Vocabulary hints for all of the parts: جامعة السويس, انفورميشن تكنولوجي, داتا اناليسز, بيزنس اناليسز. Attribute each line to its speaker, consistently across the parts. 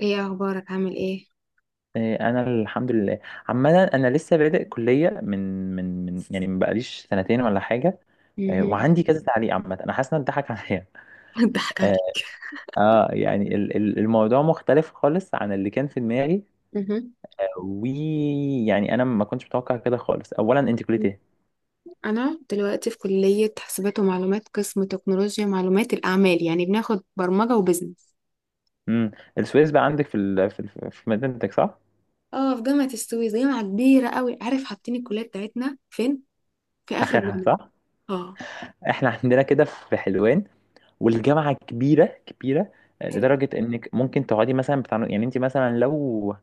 Speaker 1: ايه اخبارك؟ عامل ايه؟
Speaker 2: إيه، انا الحمد لله. عمدا انا لسه بادئ كليه من يعني ما بقاليش سنتين ولا حاجه. إيه،
Speaker 1: امم.
Speaker 2: وعندي كذا تعليق. عامه انا حاسس ان اتضحك عليا.
Speaker 1: ضحك
Speaker 2: اه.
Speaker 1: عليك؟
Speaker 2: الموضوع مختلف خالص عن اللي كان في دماغي.
Speaker 1: امم،
Speaker 2: ويعني انا ما كنتش متوقع كده خالص. اولا انت كليه ايه؟
Speaker 1: انا دلوقتي في كلية حاسبات ومعلومات، قسم تكنولوجيا معلومات الاعمال، يعني بناخد برمجة وبزنس.
Speaker 2: امم. السويس بقى عندك في مدينتك، صح؟
Speaker 1: اه، في جامعة السويس، جامعة كبيرة قوي. عارف حاطين الكلية بتاعتنا فين؟ في اخر
Speaker 2: اخرها،
Speaker 1: الجامعة.
Speaker 2: صح.
Speaker 1: اه.
Speaker 2: احنا عندنا كده في حلوان، والجامعه كبيره كبيره.
Speaker 1: حلو.
Speaker 2: لدرجه انك ممكن تقعدي مثلا بتاع، يعني انت مثلا لو،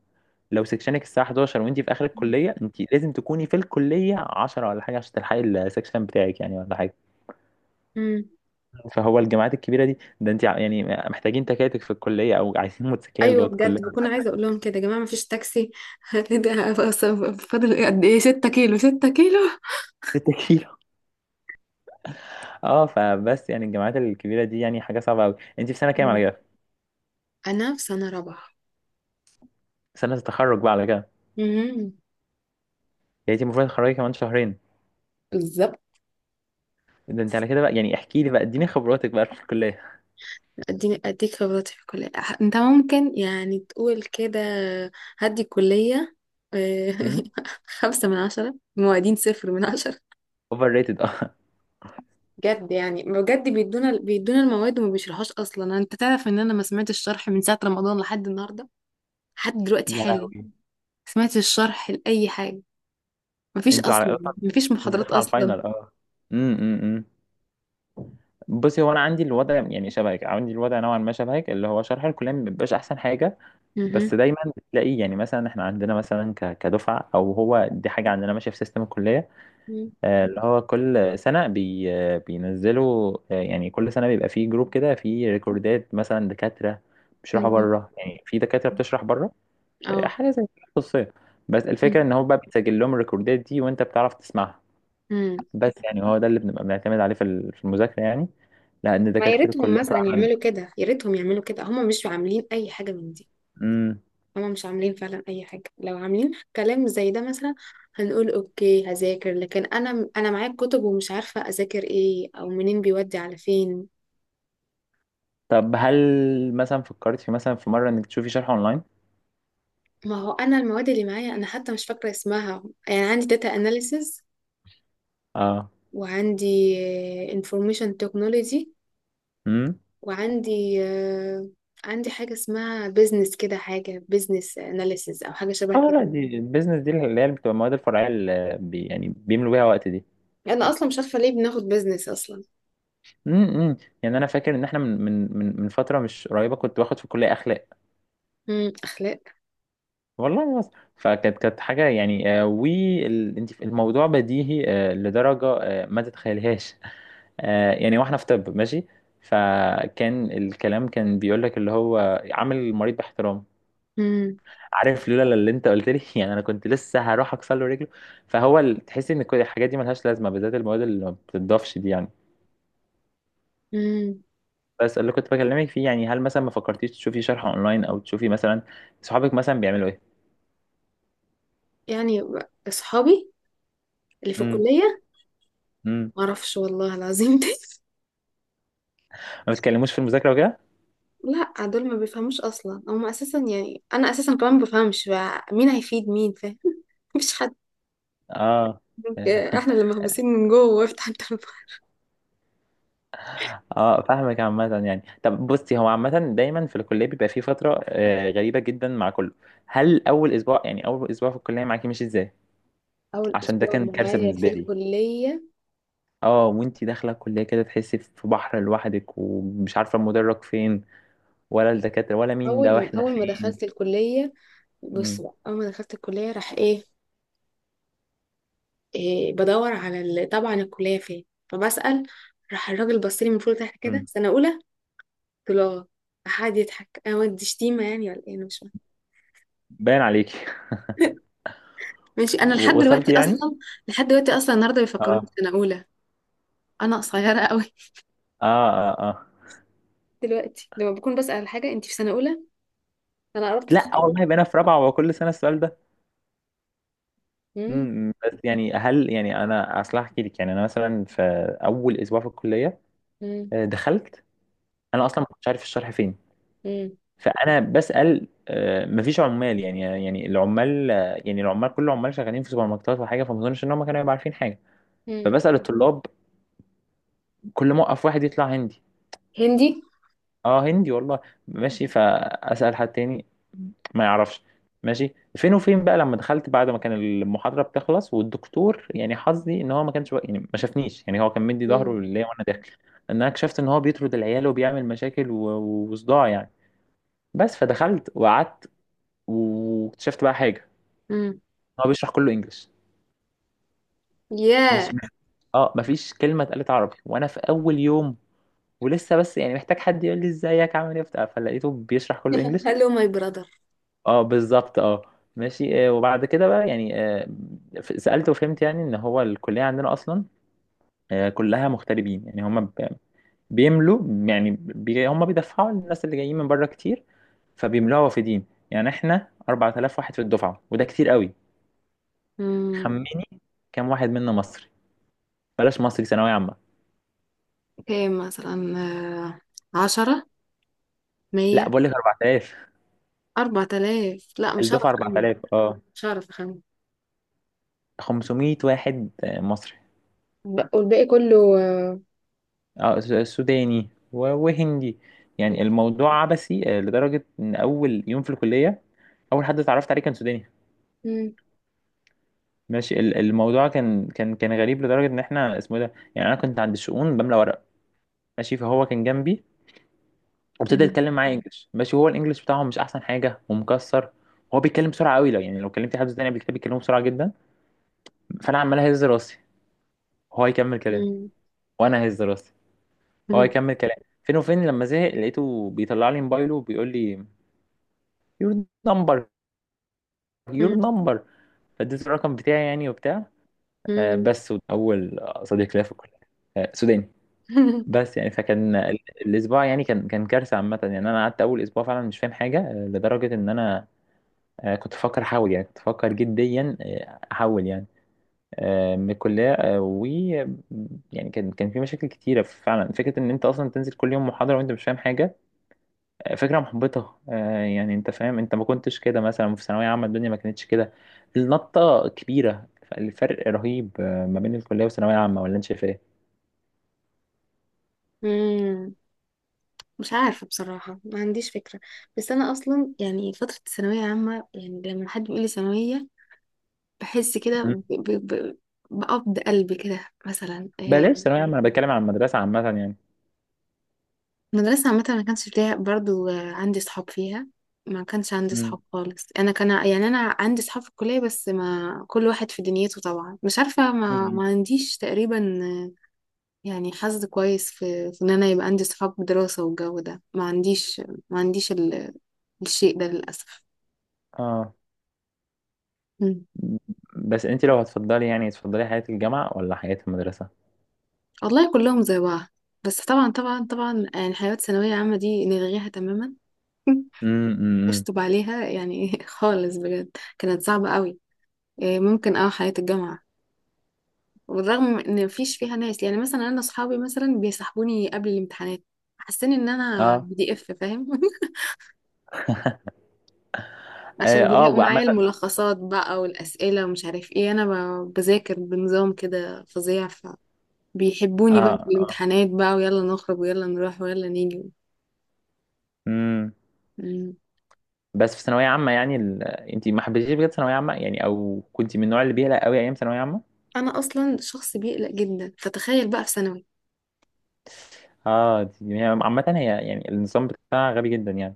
Speaker 2: لو سكشنك الساعة 11 وانتي في آخر الكلية، انتي لازم تكوني في الكلية 10 ولا حاجة عشان تلحقي السكشن بتاعك يعني ولا حاجة.
Speaker 1: امم.
Speaker 2: فهو الجامعات الكبيرة دي، ده انتي يعني محتاجين تكاتك في الكلية، او عايزين موتوسيكلات جوه
Speaker 1: ايوه
Speaker 2: الكلية
Speaker 1: بجد،
Speaker 2: ولا
Speaker 1: بكون عايزه
Speaker 2: حاجة.
Speaker 1: اقول لهم كده: يا جماعه مفيش تاكسي؟ ده أصلاً فاضل إيه؟ قد ايه؟ 6 كيلو، 6 كيلو.
Speaker 2: 6 كيلو. اه، فبس يعني الجامعات الكبيرة دي يعني حاجة صعبة قوي. انتي في سنة كام على
Speaker 1: مم.
Speaker 2: كده؟
Speaker 1: انا في سنه رابعه.
Speaker 2: سنة التخرج بقى على كده.
Speaker 1: امم.
Speaker 2: يعني انتي المفروض تتخرجي كمان شهرين.
Speaker 1: بالظبط.
Speaker 2: ده انتي على كده بقى، يعني احكي لي بقى، اديني خبراتك بقى في الكلية.
Speaker 1: اديني اديك خبرتي في الكلية. انت ممكن يعني تقول كده: هدي الكلية. آه،
Speaker 2: امم.
Speaker 1: خمسة من عشرة الموادين، صفر من عشرة.
Speaker 2: اوفر ريتد، اه.
Speaker 1: بجد يعني بجد، بيدونا المواد وما بيشرحوش اصلا. انت تعرف ان انا ما سمعتش الشرح من ساعة رمضان لحد النهاردة، لحد دلوقتي
Speaker 2: يا
Speaker 1: حالا ما
Speaker 2: لهوي.
Speaker 1: سمعتش الشرح لأي حاجة. مفيش
Speaker 2: انتوا
Speaker 1: اصلا،
Speaker 2: على،
Speaker 1: مفيش
Speaker 2: انتي
Speaker 1: محاضرات
Speaker 2: داخلة على
Speaker 1: اصلا.
Speaker 2: الفاينل، اه. امم، امم. بصي، هو انا عندي الوضع يعني شبهك، عندي الوضع نوعا ما شبهك، اللي هو شرح الكليه ما بيبقاش احسن حاجه.
Speaker 1: مهم.
Speaker 2: بس دايما بتلاقي يعني، مثلا احنا عندنا مثلا كدفعه، او هو دي حاجه عندنا ماشيه في سيستم الكليه.
Speaker 1: مم.
Speaker 2: اللي هو كل سنه بي آه، بينزلوا، يعني كل سنه بيبقى فيه جروب كده فيه ريكوردات مثلا. دكاتره بيشرحوا
Speaker 1: مم.
Speaker 2: بره، يعني في دكاتره بتشرح بره.
Speaker 1: اه.
Speaker 2: حاجه زي كده خصوصيه. بس
Speaker 1: مم.
Speaker 2: الفكره ان هو بقى بيتسجل لهم الريكوردات دي، وانت بتعرف تسمعها.
Speaker 1: مم.
Speaker 2: بس يعني هو ده اللي بنبقى بنعتمد عليه في المذاكرة يعني، لأن
Speaker 1: ما يا
Speaker 2: دكاترة
Speaker 1: ريتهم
Speaker 2: الكلية
Speaker 1: مثلا
Speaker 2: فعلا.
Speaker 1: يعملوا كده، يا ريتهم يعملوا كده. هم مش عاملين اي حاجة من دي،
Speaker 2: امم.
Speaker 1: هما مش عاملين فعلا اي حاجه. لو عاملين كلام زي ده مثلا، هنقول اوكي هذاكر، لكن انا معايا كتب ومش عارفه اذاكر ايه او منين بيودي على فين.
Speaker 2: طب هل مثلا فكرت في، مثلا في مرة، إنك تشوفي شرح أونلاين؟
Speaker 1: ما هو انا المواد اللي معايا انا حتى مش فاكره اسمها. يعني عندي داتا اناليسز،
Speaker 2: اه.
Speaker 1: وعندي انفورميشن تكنولوجي،
Speaker 2: امم.
Speaker 1: وعندي عندي حاجه اسمها بيزنس كده، حاجه بيزنس اناليسز او حاجه شبه
Speaker 2: اه،
Speaker 1: كده.
Speaker 2: لا، دي البيزنس دي اللي هي اللي بتبقى المواد الفرعية اللي بي يعني بيملوا بيها وقت دي.
Speaker 1: انا اصلا مش عارفه ليه بناخد بيزنس اصلا.
Speaker 2: امم. يعني أنا فاكر إن إحنا من فترة مش قريبة كنت باخد في الكلية أخلاق،
Speaker 1: امم، اخلاق.
Speaker 2: والله بس. فكانت كانت حاجة يعني، وانت الموضوع بديهي لدرجة ما تتخيلهاش. آه، يعني واحنا في طب، ماشي. فكان الكلام كان بيقول لك اللي هو عامل المريض باحترام.
Speaker 1: امم.
Speaker 2: عارف، لولا اللي انت قلت لي يعني انا كنت لسه هروح اكسر له رجله. فهو تحس ان كل الحاجات دي ملهاش لازمة، بالذات المواد اللي ما بتضافش دي يعني.
Speaker 1: امم.
Speaker 2: بس اللي كنت بكلمك فيه يعني، هل مثلا ما فكرتيش تشوفي شرح اونلاين، او تشوفي مثلا صحابك مثلا بيعملوا ايه؟
Speaker 1: يعني اصحابي اللي في
Speaker 2: امم،
Speaker 1: الكلية؟
Speaker 2: امم.
Speaker 1: معرفش والله العظيم. دي
Speaker 2: ما بتكلموش في المذاكرة وكده؟
Speaker 1: لا، دول ما بيفهموش اصلا. هم اساسا يعني انا اساسا كمان ما بفهمش، بقى مين هيفيد مين؟ فاهم؟ مفيش حد.
Speaker 2: اه.
Speaker 1: احنا اللي محبوسين من جوه وافتح انت البحر.
Speaker 2: اه، فاهمك. عامة يعني، طب بصي، هو عامة دايما في الكلية بيبقى في فترة غريبة جدا مع كله. هل أول أسبوع، يعني أول أسبوع في الكلية، معاكي مش ازاي؟
Speaker 1: اول
Speaker 2: عشان ده
Speaker 1: اسبوع
Speaker 2: كان كارثة
Speaker 1: معايا في
Speaker 2: بالنسبة لي.
Speaker 1: الكلية؟
Speaker 2: اه، وانتي داخلة الكلية كده تحسي في بحر لوحدك، ومش عارفة المدرج فين، ولا الدكاترة، ولا مين
Speaker 1: اول،
Speaker 2: ده،
Speaker 1: من
Speaker 2: واحنا
Speaker 1: اول ما
Speaker 2: فين.
Speaker 1: دخلت الكلية. بص
Speaker 2: مم.
Speaker 1: بقى، اول ما دخلت الكلية، راح ايه، إيه، بدور على طبعا الكلية فين، فبسأل. راح الراجل بص لي من فوق لتحت كده:
Speaker 2: مم.
Speaker 1: سنة اولى؟ قلت له اه. راح قعد يضحك. انا ودي شتيمة يعني ولا ايه؟ انا مش فاهمة.
Speaker 2: باين عليكي.
Speaker 1: ماشي. انا لحد دلوقتي
Speaker 2: وصلتي يعني؟
Speaker 1: اصلا، لحد دلوقتي اصلا النهارده بيفكروني
Speaker 2: اه،
Speaker 1: في سنه اولى. انا قصيره قوي.
Speaker 2: اه، اه. اه،
Speaker 1: دلوقتي لما بكون بسال على حاجه: انت في سنه اولى؟ انا قربت
Speaker 2: لا
Speaker 1: اتخرج.
Speaker 2: والله، بقينا في رابعة وكل سنة السؤال ده.
Speaker 1: امم.
Speaker 2: امم. بس يعني هل يعني، انا اصل احكي لك يعني، انا مثلا في اول اسبوع في الكليه.
Speaker 1: امم.
Speaker 2: دخلت. انا اصلا ما كنتش عارف الشرح فين.
Speaker 1: امم.
Speaker 2: فانا بسال، مفيش عمال، يعني، يعني العمال، يعني العمال، كل العمال شغالين في سوبر ماركتات وحاجه، فما اظنش ان هم كانوا يبقوا عارفين حاجه.
Speaker 1: أمم.
Speaker 2: فبسال الطلاب، كل ما اوقف واحد يطلع هندي.
Speaker 1: هندي.
Speaker 2: اه، هندي والله. ماشي، فاسال حد تاني، ما يعرفش. ماشي، فين وفين بقى لما دخلت، بعد ما كان المحاضره بتخلص، والدكتور يعني حظي ان هو ما كانش يعني ما شافنيش، يعني هو كان مدي ظهره
Speaker 1: امم.
Speaker 2: ليا وانا داخل. ان انا اكتشفت ان هو بيطرد العيال وبيعمل مشاكل وصداع يعني. بس، فدخلت وقعدت. واكتشفت بقى حاجه،
Speaker 1: امم.
Speaker 2: هو بيشرح كله انجلش.
Speaker 1: ياه.
Speaker 2: ماشي. اه، مفيش كلمه اتقالت عربي وانا في اول يوم، ولسه بس يعني محتاج حد يقول لي ازيك عامل ايه بتاع، فلقيته بيشرح كله انجلش.
Speaker 1: هلو ماي براذر.
Speaker 2: اه، بالظبط، اه. ماشي، وبعد كده بقى يعني، سألت وفهمت يعني ان هو الكلية عندنا اصلا كلها مغتربين، يعني هم بيملوا يعني هم بيدفعوا للناس اللي جايين من بره كتير. فبيملوها وافدين، يعني احنا 4000 واحد في الدفعة، وده كتير قوي.
Speaker 1: امم.
Speaker 2: خمني كام واحد منا مصري، بلاش مصري، ثانوية عامة؟
Speaker 1: كام؟ مثلا عشرة؟
Speaker 2: لا،
Speaker 1: مية؟
Speaker 2: بقول لك 4000.
Speaker 1: أربعة آلاف؟ لا مش هعرف
Speaker 2: الدفعة
Speaker 1: أخمن،
Speaker 2: 4000، اه.
Speaker 1: مش هعرف أخمن.
Speaker 2: 500 واحد مصري،
Speaker 1: والباقي كله
Speaker 2: سوداني وهندي. يعني الموضوع عبثي، لدرجة إن أول يوم في الكلية، أول حد اتعرفت عليه كان سوداني.
Speaker 1: مم.
Speaker 2: ماشي، الموضوع كان كان كان غريب لدرجة إن إحنا اسمه إيه ده يعني. أنا كنت عند الشؤون بملى ورق، ماشي، فهو كان جنبي، وابتدى
Speaker 1: مم.
Speaker 2: يتكلم معايا إنجلش. ماشي، هو الإنجلش بتاعه مش أحسن حاجة ومكسر. هو بيتكلم بسرعة قوي، لو يعني لو كلمت حد سوداني قبل كده بيتكلموا بسرعة جدا. فأنا عمال أهز راسي، هو يكمل كلام،
Speaker 1: مم.
Speaker 2: وأنا أهز راسي، هو
Speaker 1: مم.
Speaker 2: يكمل كلام. فين وفين لما زهق لقيته بيطلع لي موبايله وبيقول لي your number، يور
Speaker 1: مم.
Speaker 2: نمبر. فاديته الرقم بتاعي يعني وبتاع.
Speaker 1: مم.
Speaker 2: بس اول صديق ليا في الكليه سوداني. بس يعني، فكان الاسبوع يعني كان كان كارثه. عامه يعني انا قعدت اول اسبوع فعلا مش فاهم حاجه، لدرجه ان انا كنت بفكر احول، يعني كنت بفكر جديا احول يعني، من الكليه، آه، و، يعني كان كان في مشاكل كتيره فعلا. فكره ان انت اصلا تنزل كل يوم محاضره وانت مش فاهم حاجه، فكرة محبطة. يعني انت فاهم، انت ما كنتش كده مثلا في ثانوية عامة، الدنيا ما كانتش كده. النطة كبيرة، الفرق رهيب ما بين الكلية والثانوية عامة، ولا انت شايف ايه؟
Speaker 1: مم. مش عارفة بصراحة، ما عنديش فكرة. بس أنا أصلا يعني فترة الثانوية عامة، يعني لما حد بيقول لي ثانوية بحس كده
Speaker 2: مم.
Speaker 1: ب- ب- بقبض قلبي كده مثلا.
Speaker 2: بلاش ثانوية عامة، انا بتكلم عن المدرسة عامة يعني.
Speaker 1: المدرسة عامة ما كانش فيها برضو عندي صحاب فيها. ما كانش عندي
Speaker 2: مم.
Speaker 1: صحاب خالص. أنا كان يعني أنا عندي صحاب في الكلية بس، ما كل واحد في دنيته طبعا. مش عارفة
Speaker 2: مم.
Speaker 1: ما عنديش تقريبا يعني حظ كويس في، في إن أنا يبقى عندي صحاب دراسة والجو ده. ما عنديش، ما عنديش الشيء ده للأسف.
Speaker 2: اه، بس انت لو هتفضلي، يعني تفضلي حياة الجامعة ولا حياة المدرسة؟
Speaker 1: والله كلهم زي بعض، بس طبعا طبعا طبعا يعني حيوات ثانوية عامة دي نلغيها تماما.
Speaker 2: امم، امم.
Speaker 1: اشطب عليها يعني. خالص بجد، كانت صعبة قوي. إيه، ممكن اه حياة الجامعة. والرغم ان مفيش فيها ناس، يعني مثلا انا اصحابي مثلا بيسحبوني قبل الامتحانات، حاسين ان انا
Speaker 2: اه،
Speaker 1: بي دي اف فاهم.
Speaker 2: اه.
Speaker 1: عشان بيلاقوا
Speaker 2: وعامة،
Speaker 1: معايا الملخصات بقى والاسئله ومش عارف ايه. انا بذاكر بنظام كده فظيع، فبيحبوني بقى
Speaker 2: اه،
Speaker 1: في
Speaker 2: اه.
Speaker 1: الامتحانات بقى، ويلا نخرج ويلا نروح ويلا نيجي.
Speaker 2: امم. بس في ثانوية عامة يعني انت ما حبيتيش بجد ثانوية عامة يعني، او كنت من النوع اللي بيقلق قوي ايام ثانوية عامة؟
Speaker 1: انا اصلا شخص بيقلق جدا، فتخيل بقى في ثانوي.
Speaker 2: اه، هي عامة، هي يعني النظام بتاعها غبي جدا يعني.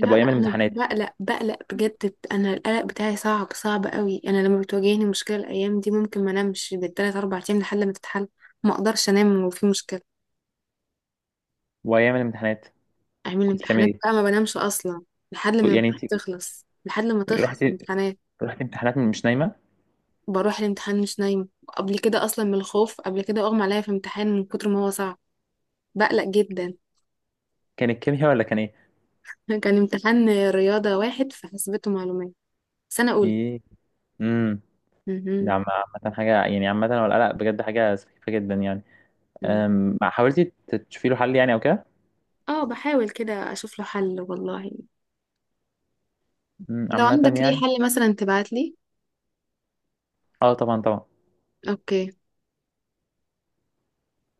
Speaker 2: طب
Speaker 1: لا،
Speaker 2: وايام
Speaker 1: انا
Speaker 2: الامتحانات.
Speaker 1: بقلق بقلق بجد. انا القلق بتاعي صعب صعب قوي. انا لما بتواجهني مشكله، الايام دي ممكن ما انامش بالثلاث اربع ايام لحد ما تتحل. ما اقدرش انام وفي مشكله.
Speaker 2: وايام الامتحانات
Speaker 1: اعمل
Speaker 2: كنت بتعمل
Speaker 1: الامتحانات
Speaker 2: ايه؟
Speaker 1: بقى ما بنامش اصلا لحد ما
Speaker 2: كنت يعني انت،
Speaker 1: الامتحانات تخلص، لحد ما تخلص
Speaker 2: رحت،
Speaker 1: الامتحانات.
Speaker 2: رحت امتحانات مش نايمة.
Speaker 1: بروح الامتحان مش نايمه. قبل كده اصلا من الخوف قبل كده اغمى عليا في امتحان من كتر ما هو صعب. بقلق جدا.
Speaker 2: كانت كيمياء ولا كان ايه؟
Speaker 1: كان امتحان رياضه واحد في حاسبات ومعلومات، سنه اولى.
Speaker 2: ايه. امم. ده
Speaker 1: مهم.
Speaker 2: عامة حاجة، يعني عامة هو القلق بجد حاجة سخيفة جدا يعني. حاولتي تشوفي له حل يعني او كده؟
Speaker 1: اه بحاول كده اشوف له حل والله.
Speaker 2: أمم،
Speaker 1: لو
Speaker 2: عامة
Speaker 1: عندك ليه
Speaker 2: يعني.
Speaker 1: حل مثلا تبعت لي.
Speaker 2: اه، طبعا، طبعا.
Speaker 1: اوكي.